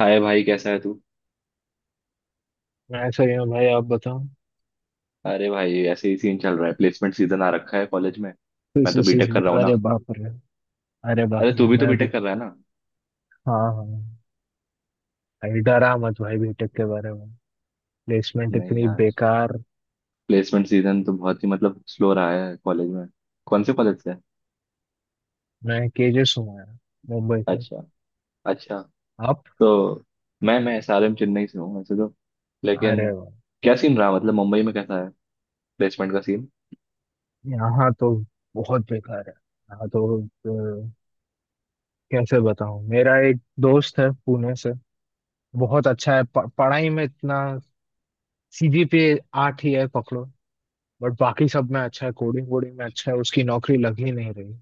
हाय भाई, कैसा है तू? मैं सही हूँ भाई, आप बताओ। अरे भाई ऐसे ही सीन चल रहा है, प्लेसमेंट सीजन आ रखा है कॉलेज में। मैं तो बीटेक कर रहा हूँ अरे ना। बाप रे। अरे अरे बाप तू रे, भी तो मैं बीटेक भी। कर रहा है ना। हाँ हाँ हाँ। भाई, डरा मत भाई बीटेक के बारे में। प्लेसमेंट नहीं इतनी यार, बेकार। प्लेसमेंट सीजन तो बहुत ही मतलब स्लो रहा है कॉलेज में। कौन से कॉलेज से? मैं केजेस हूँ यार, मुंबई से। अच्छा, अच्छा। आप? तो मैं SRM चेन्नई से हूँ वैसे तो, लेकिन अरे वाह। क्या सीन रहा, मतलब मुंबई में कैसा है, प्लेसमेंट का सीन? यहाँ तो बहुत बेकार है यहाँ तो। अ, कैसे बताऊँ, मेरा एक दोस्त है पुणे से, बहुत अच्छा है, पढ़ाई में इतना। सीजीपीए आठ ही है पकड़ो, बट बाकी सब में अच्छा है, कोडिंग कोडिंग में अच्छा है, उसकी नौकरी लग ही नहीं रही।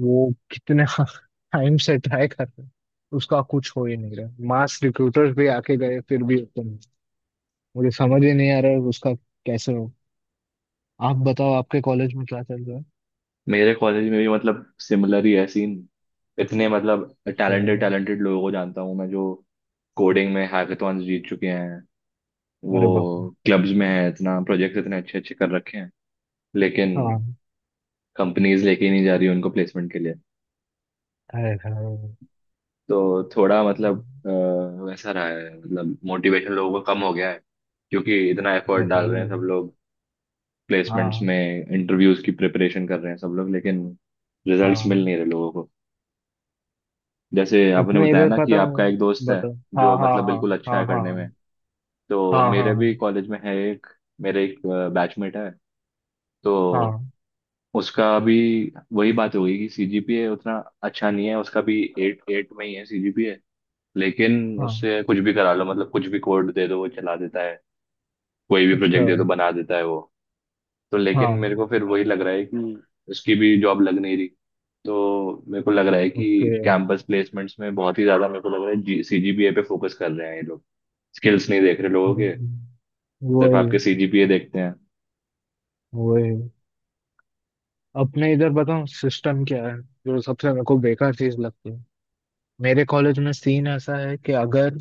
वो कितने टाइम से ट्राई कर रहे हैं, उसका कुछ हो ही नहीं रहा। मास रिक्रूटर्स भी आके गए फिर भी ओपन नहीं। मुझे समझ ही नहीं आ रहा है उसका कैसे हो। आप बताओ, आपके कॉलेज में क्या चल रहा है? मेरे कॉलेज में भी मतलब सिमिलर ही है सीन। इतने मतलब श्रेय, टैलेंटेड टैलेंटेड लोगों को जानता हूँ मैं, जो कोडिंग में हैकाथॉन्स जीत चुके हैं, वो अरे बाप रे। क्लब्स में है, इतना प्रोजेक्ट इतने अच्छे अच्छे कर रखे हैं, लेकिन हाँ। कंपनीज लेके ही नहीं जा रही उनको प्लेसमेंट के लिए। है है है, तो थोड़ा मतलब अ, वैसा रहा है, मतलब मोटिवेशन लोगों का कम हो गया है क्योंकि इतना एफर्ट डाल रहे है, हैं सब लोग प्लेसमेंट्स हाँ में, इंटरव्यूज की प्रिपरेशन कर रहे हैं सब लोग, लेकिन रिजल्ट्स मिल हाँ। नहीं रहे लोगों को। जैसे आपने अपने बताया इधर ना कि पता हूँ, आपका एक दोस्त है बताओ। हाँ जो हाँ मतलब बिल्कुल अच्छा है हाँ हाँ करने हाँ। में, तो हाँ हाँ मेरे भी हाँ कॉलेज में है एक, मेरे एक बैचमेट है। तो हाँ हाँ उसका अभी वही बात हो गई कि सीजीपीए उतना अच्छा नहीं है, उसका भी एट एट में ही है सीजीपीए, लेकिन हाँ। उससे कुछ भी करा लो, मतलब कुछ भी कोड दे दो वो चला देता है, कोई भी अच्छा। प्रोजेक्ट दे दो बना देता है वो। तो लेकिन हाँ। मेरे को फिर वही लग रहा है कि उसकी भी जॉब लग नहीं रही। तो मेरे को लग रहा है कि ओके। कैंपस प्लेसमेंट्स में बहुत ही ज्यादा मेरे को लग रहा है जी सीजीपीए पे फोकस कर रहे हैं ये लोग, स्किल्स नहीं देख रहे लोगों के, हम्म, सिर्फ वही आपके सीजीपीए देखते हैं। वही। अपने इधर बताऊं सिस्टम क्या है, जो सबसे मेरे को बेकार चीज लगती है। मेरे कॉलेज में सीन ऐसा है कि अगर,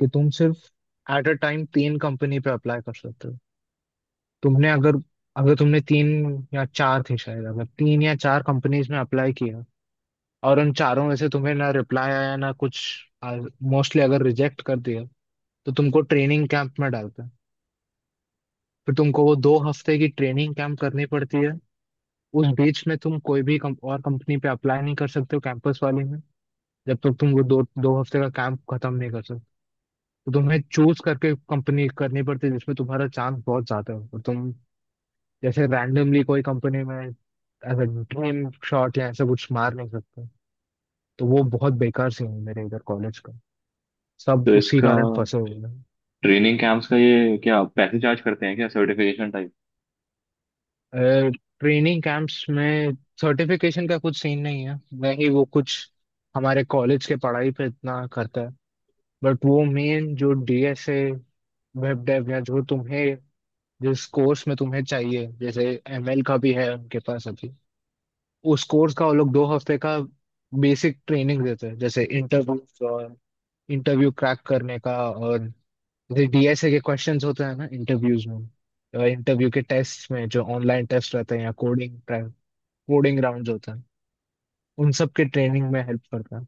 कि तुम सिर्फ एट अ टाइम तीन कंपनी पे अप्लाई कर सकते हो। तुमने अगर अगर तुमने तीन या चार थी शायद, अगर तीन या चार कंपनीज में अप्लाई किया और उन चारों में से तुम्हें ना रिप्लाई आया ना कुछ, मोस्टली अगर रिजेक्ट कर दिया, तो तुमको ट्रेनिंग कैंप में डालते हैं। फिर तुमको वो 2 हफ्ते की ट्रेनिंग कैंप करनी पड़ती है। उस बीच में तुम कोई भी और कंपनी पे अप्लाई नहीं कर सकते हो कैंपस वाले में, जब तक तुम वो दो दो हफ्ते का काम खत्म नहीं कर सकते। तो तुम्हें चूज करके कंपनी करनी पड़ती है जिसमें तुम्हारा चांस बहुत ज्यादा हो, और तुम जैसे रैंडमली कोई कंपनी में ऐसा ड्रीम शॉट या ऐसा कुछ मार नहीं सकते। तो वो बहुत बेकार सीन है मेरे इधर कॉलेज का, सब तो उसी इसका कारण फंसे हुए ट्रेनिंग कैंप्स का ये क्या पैसे चार्ज करते हैं क्या, सर्टिफिकेशन टाइप? हैं। ट्रेनिंग कैंप्स में सर्टिफिकेशन का कुछ सीन नहीं है। वही वो कुछ हमारे कॉलेज के पढ़ाई पे इतना करता है, बट वो मेन जो डीएसए, वेब डेव, या जो तुम्हें, जिस कोर्स में तुम्हें चाहिए जैसे एमएल का भी है उनके पास अभी। उस कोर्स का वो लोग 2 हफ्ते का बेसिक ट्रेनिंग देते हैं, जैसे इंटरव्यू और इंटरव्यू क्रैक करने का, और जैसे डीएसए के क्वेश्चंस होते हैं ना इंटरव्यूज में, इंटरव्यू के टेस्ट में जो ऑनलाइन टेस्ट रहते हैं या कोडिंग कोडिंग राउंड्स होते हैं, उन सब के ट्रेनिंग में हेल्प करता है।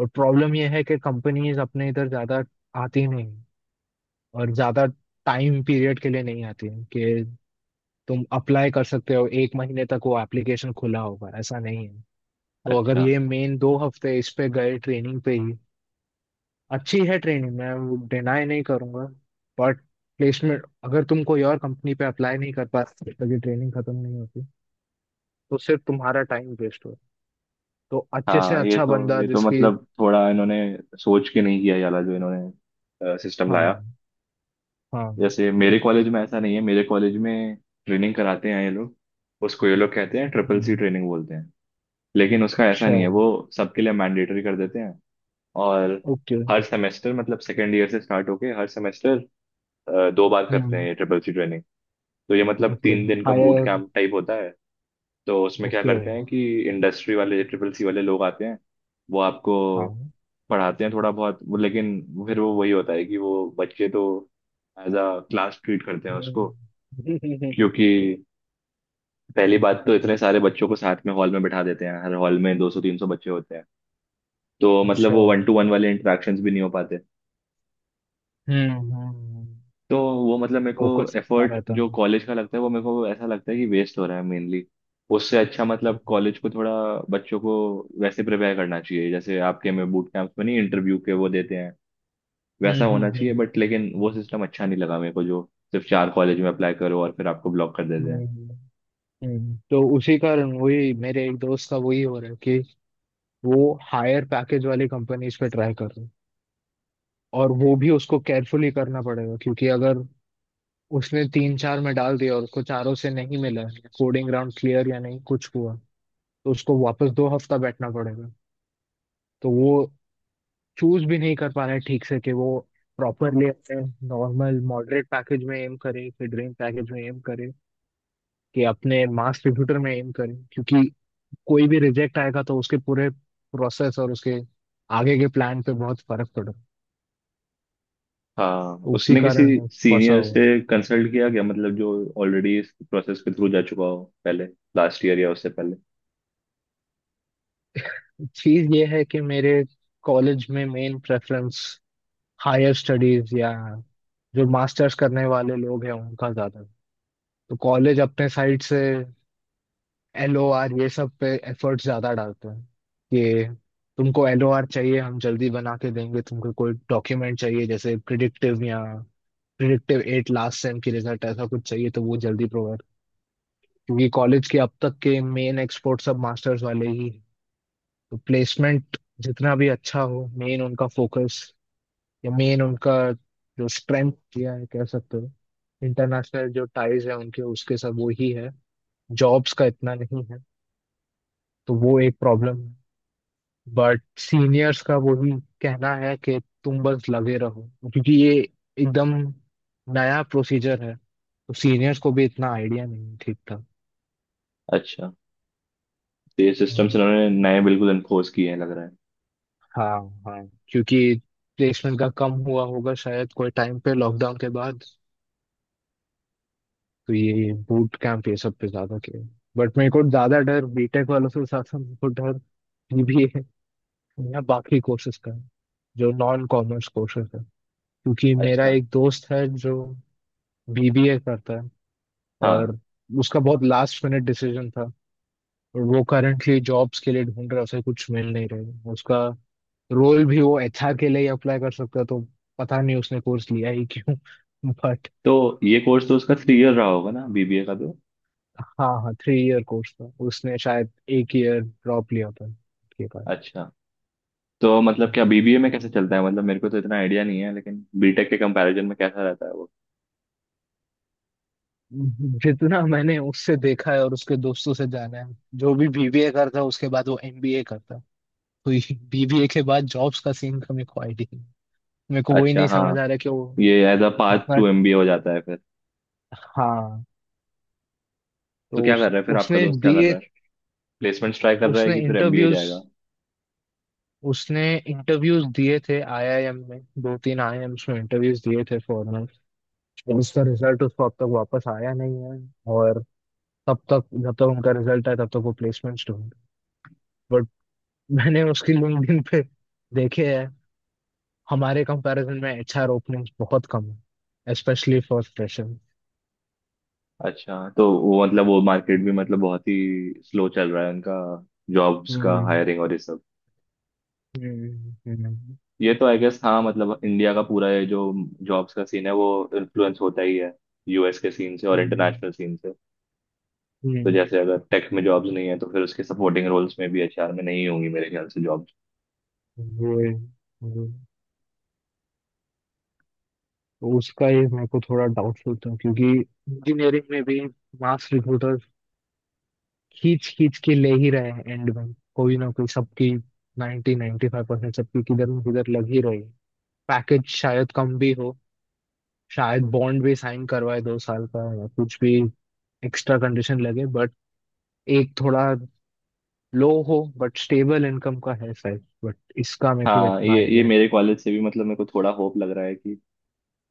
और प्रॉब्लम यह है कि कंपनीज अपने इधर ज्यादा आती नहीं, और ज्यादा टाइम पीरियड के लिए नहीं आती है कि तुम अप्लाई कर सकते हो एक महीने तक वो एप्लीकेशन खुला होगा ऐसा नहीं है। तो अगर अच्छा। ये मेन 2 हफ्ते इस पे गए ट्रेनिंग पे ही। अच्छी है ट्रेनिंग, मैं डिनाई नहीं करूंगा, बट प्लेसमेंट, अगर तुम कोई और कंपनी पे अप्लाई नहीं कर पाते तो ये ट्रेनिंग खत्म नहीं होती, तो सिर्फ तुम्हारा टाइम वेस्ट हो। तो अच्छे से हाँ, ये अच्छा तो बंदा ये तो जिसकी। मतलब थोड़ा इन्होंने सोच के नहीं किया ये वाला जो इन्होंने सिस्टम लाया। हाँ हाँ। जैसे मेरे कॉलेज में ऐसा नहीं है, मेरे कॉलेज में ट्रेनिंग कराते हैं ये लोग, उसको ये लोग कहते हैं, CCC हम्म, ट्रेनिंग बोलते हैं। लेकिन उसका ऐसा नहीं है sure। वो सबके लिए मैंडेटरी कर देते हैं। और ओके। हर सेमेस्टर, मतलब सेकेंड ईयर से स्टार्ट होके हर सेमेस्टर दो बार करते हैं हम्म। ये CCC ट्रेनिंग। तो ये मतलब ओके। 3 दिन का बूट हायर। कैंप टाइप होता है। तो उसमें क्या ओके। करते हैं कि इंडस्ट्री वाले CCC वाले लोग आते हैं, वो आपको हाँ। पढ़ाते हैं थोड़ा बहुत, लेकिन फिर वो वही होता है कि वो बच्चे तो एज अ क्लास ट्रीट करते हैं हम्म। उसको, क्योंकि पहली बात तो इतने सारे बच्चों को साथ में हॉल में बैठा देते हैं, हर हॉल में 200-300 बच्चे होते हैं। तो मतलब अच्छा। वो 1-to-1 वाले इंटरेक्शंस भी नहीं हो पाते। हम्म। तो वो मतलब मेरे को फोकस इतना एफर्ट रहता जो है। कॉलेज का लगता है वो मेरे को ऐसा लगता है कि वेस्ट हो रहा है मेनली। उससे अच्छा मतलब कॉलेज को थोड़ा बच्चों को वैसे प्रिपेयर करना चाहिए, जैसे आपके में बूट कैंप्स में नहीं, इंटरव्यू के वो देते हैं, हम्म वैसा हम्म होना हम्म चाहिए। बट लेकिन वो सिस्टम अच्छा नहीं लगा मेरे को, जो सिर्फ चार कॉलेज में अप्लाई करो और फिर आपको ब्लॉक कर देते हम्म। हैं। हम्म। हम्म। तो उसी कारण वही मेरे एक दोस्त का वही हो रहा है कि वो हायर पैकेज वाली कंपनीज पे ट्राई कर रहा है। और वो भी उसको केयरफुली करना पड़ेगा, क्योंकि अगर उसने तीन चार में डाल दिया और उसको चारों से नहीं मिला, कोडिंग राउंड क्लियर या नहीं कुछ हुआ, तो उसको वापस 2 हफ्ता बैठना पड़ेगा। तो वो चूज भी नहीं कर पा रहा है ठीक से कि वो प्रॉपरली अपने नॉर्मल मॉडरेट पैकेज में एम करे, कि ड्रीम पैकेज में एम करे, कि अपने मास रिक्रूटर में एम करे, क्योंकि कोई भी रिजेक्ट आएगा तो उसके पूरे प्रोसेस और उसके आगे के प्लान पे बहुत फर्क पड़ा। हाँ, उसी उसने किसी कारण मैं फंसा सीनियर हुआ है। से कंसल्ट किया क्या, मतलब जो ऑलरेडी इस प्रोसेस के थ्रू जा चुका हो, पहले, लास्ट ईयर या उससे पहले? चीज ये है कि मेरे कॉलेज में मेन प्रेफरेंस हायर स्टडीज या जो मास्टर्स करने वाले लोग हैं उनका ज्यादा है। तो कॉलेज अपने साइड से एल ओ आर ये सब पे एफर्ट ज्यादा डालते हैं कि तुमको एल ओ आर चाहिए हम जल्दी बना के देंगे, तुमको कोई डॉक्यूमेंट चाहिए जैसे प्रिडिक्टिव या प्रिडिक्टिव एट लास्ट सेम की रिजल्ट ऐसा कुछ चाहिए तो वो जल्दी प्रोवाइड, क्योंकि कॉलेज के अब तक के मेन एक्सपोर्ट सब मास्टर्स वाले ही हैं। तो प्लेसमेंट जितना भी अच्छा हो, मेन उनका फोकस या मेन उनका जो स्ट्रेंथ दिया है कह सकते हो, इंटरनेशनल जो टाइज है उनके उसके सब वो ही है, जॉब्स का इतना नहीं है। तो वो एक प्रॉब्लम है। बट सीनियर्स का वही कहना है कि तुम बस लगे रहो, क्योंकि ये एकदम नया प्रोसीजर है, तो सीनियर्स को भी इतना आइडिया नहीं है ठीक था। अच्छा। तो ये सिस्टम्स हम्म, इन्होंने नए बिल्कुल इन्फोर्स किए हैं लग रहा है। हाँ। हाँ, क्योंकि प्लेसमेंट का कम हुआ होगा शायद कोई टाइम पे लॉकडाउन के बाद, तो ये बूट कैंप ये सब पे ज्यादा किया। बट मेरे को ज्यादा डर, बीटेक वालों से ज्यादा मेरे को डर बीबीए या बाकी कोर्सेज का है, जो नॉन कॉमर्स कोर्सेज है। क्योंकि मेरा अच्छा। एक दोस्त है जो बीबीए करता है, और हाँ, उसका बहुत लास्ट मिनट डिसीजन था, और वो करंटली जॉब्स के लिए ढूंढ रहा है, उसे कुछ मिल नहीं रहा। उसका रोल भी वो एचआर के लिए अप्लाई कर सकता है, तो पता नहीं उसने कोर्स लिया ही क्यों। बट तो ये कोर्स तो उसका 3 ईयर रहा होगा ना, बीबीए का? तो हाँ हाँ, थ्री ईयर कोर्स था, उसने शायद एक ईयर ड्रॉप लिया था उसके बाद। अच्छा। तो मतलब क्या बीबीए में कैसे चलता है, मतलब मेरे को तो इतना आइडिया नहीं है, लेकिन बीटेक के कंपैरिजन में कैसा रहता है वो? जितना मैंने उससे देखा है और उसके दोस्तों से जाना है, जो भी बीबीए करता है उसके बाद वो एमबीए करता है। तो बीबीए के बाद जॉब्स का सीन का मेरे को आईडिया, मेरे को वही अच्छा, नहीं हाँ। समझ आ रहा है कि वो ये एज अ पार्ट इतना। टू एमबीए हो जाता है फिर। हाँ। तो तो क्या कर उस, रहा है फिर आपका उसने दोस्त, क्या कर दिए रहा है, प्लेसमेंट्स ट्राई कर रहा है उसने कि फिर एमबीए इंटरव्यूज जाएगा? उसने इंटरव्यूज दिए थे आईआईएम में, दो तीन आईआईएम्स में इंटरव्यूज दिए थे फॉरनर। उसका रिजल्ट उसको अब तक वापस आया नहीं है। और तब तक जब तक उनका रिजल्ट आए तब तक वो प्लेसमेंट्स ढूंढ, बट मैंने उसकी लिंक्डइन पे देखे है हमारे कंपैरिजन में एचआर ओपनिंग्स बहुत कम है, स्पेशली फॉर फ्रेशर। अच्छा, तो वो मतलब वो मार्केट भी मतलब बहुत ही स्लो चल रहा है उनका, जॉब्स का हम्म हायरिंग और ये सब। हम्म हम्म ये तो आई गेस हाँ, मतलब इंडिया का पूरा ये जो जॉब्स का सीन है वो इन्फ्लुएंस होता ही है US के सीन से और हम्म इंटरनेशनल सीन से। तो हम्म, जैसे अगर टेक में जॉब्स नहीं है तो फिर उसके सपोर्टिंग रोल्स में भी, HR में नहीं होंगी मेरे ख्याल से जॉब्स। वही, वही। तो उसका ये मेरे को थोड़ा डाउटफुल था, क्योंकि इंजीनियरिंग में भी मास रिक्रूटर खींच खींच के ले ही रहे हैं एंड में, कोई ना कोई सबकी 90 95% सबकी किधर न किधर लग ही रही है। पैकेज शायद कम भी हो, शायद बॉन्ड भी साइन करवाए 2 साल का या कुछ भी एक्स्ट्रा कंडीशन लगे, बट एक थोड़ा लो हो बट स्टेबल इनकम का है शायद, बट इसका मेरे को हाँ, इतना ये आइडिया मेरे कॉलेज से भी मतलब मेरे को थोड़ा होप लग रहा है कि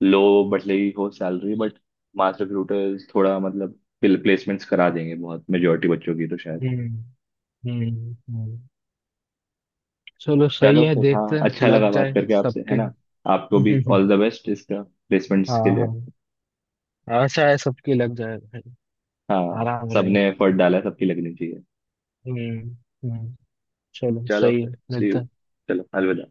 लो बट लगी हो सैलरी, बट मास रिक्रूटर्स थोड़ा मतलब प्लेसमेंट्स करा देंगे बहुत मेजोरिटी बच्चों की तो शायद। नहीं। हम्म हम्म। चलो सही चलो है, फिर, हाँ, देखते हैं अच्छा लगा लग बात जाए करके आपसे, है सबके। ना? आपको भी ऑल द बेस्ट इसका, प्लेसमेंट्स के हाँ लिए। हाँ। आशा है सबकी लग जाए भाई। हाँ, आराम रहे। सबने एफर्ट डाला है, सबकी लगनी चाहिए। हम्म हम्म। चलो चलो सही फिर, है, सी यू। मिलता है। चलो अलविदा।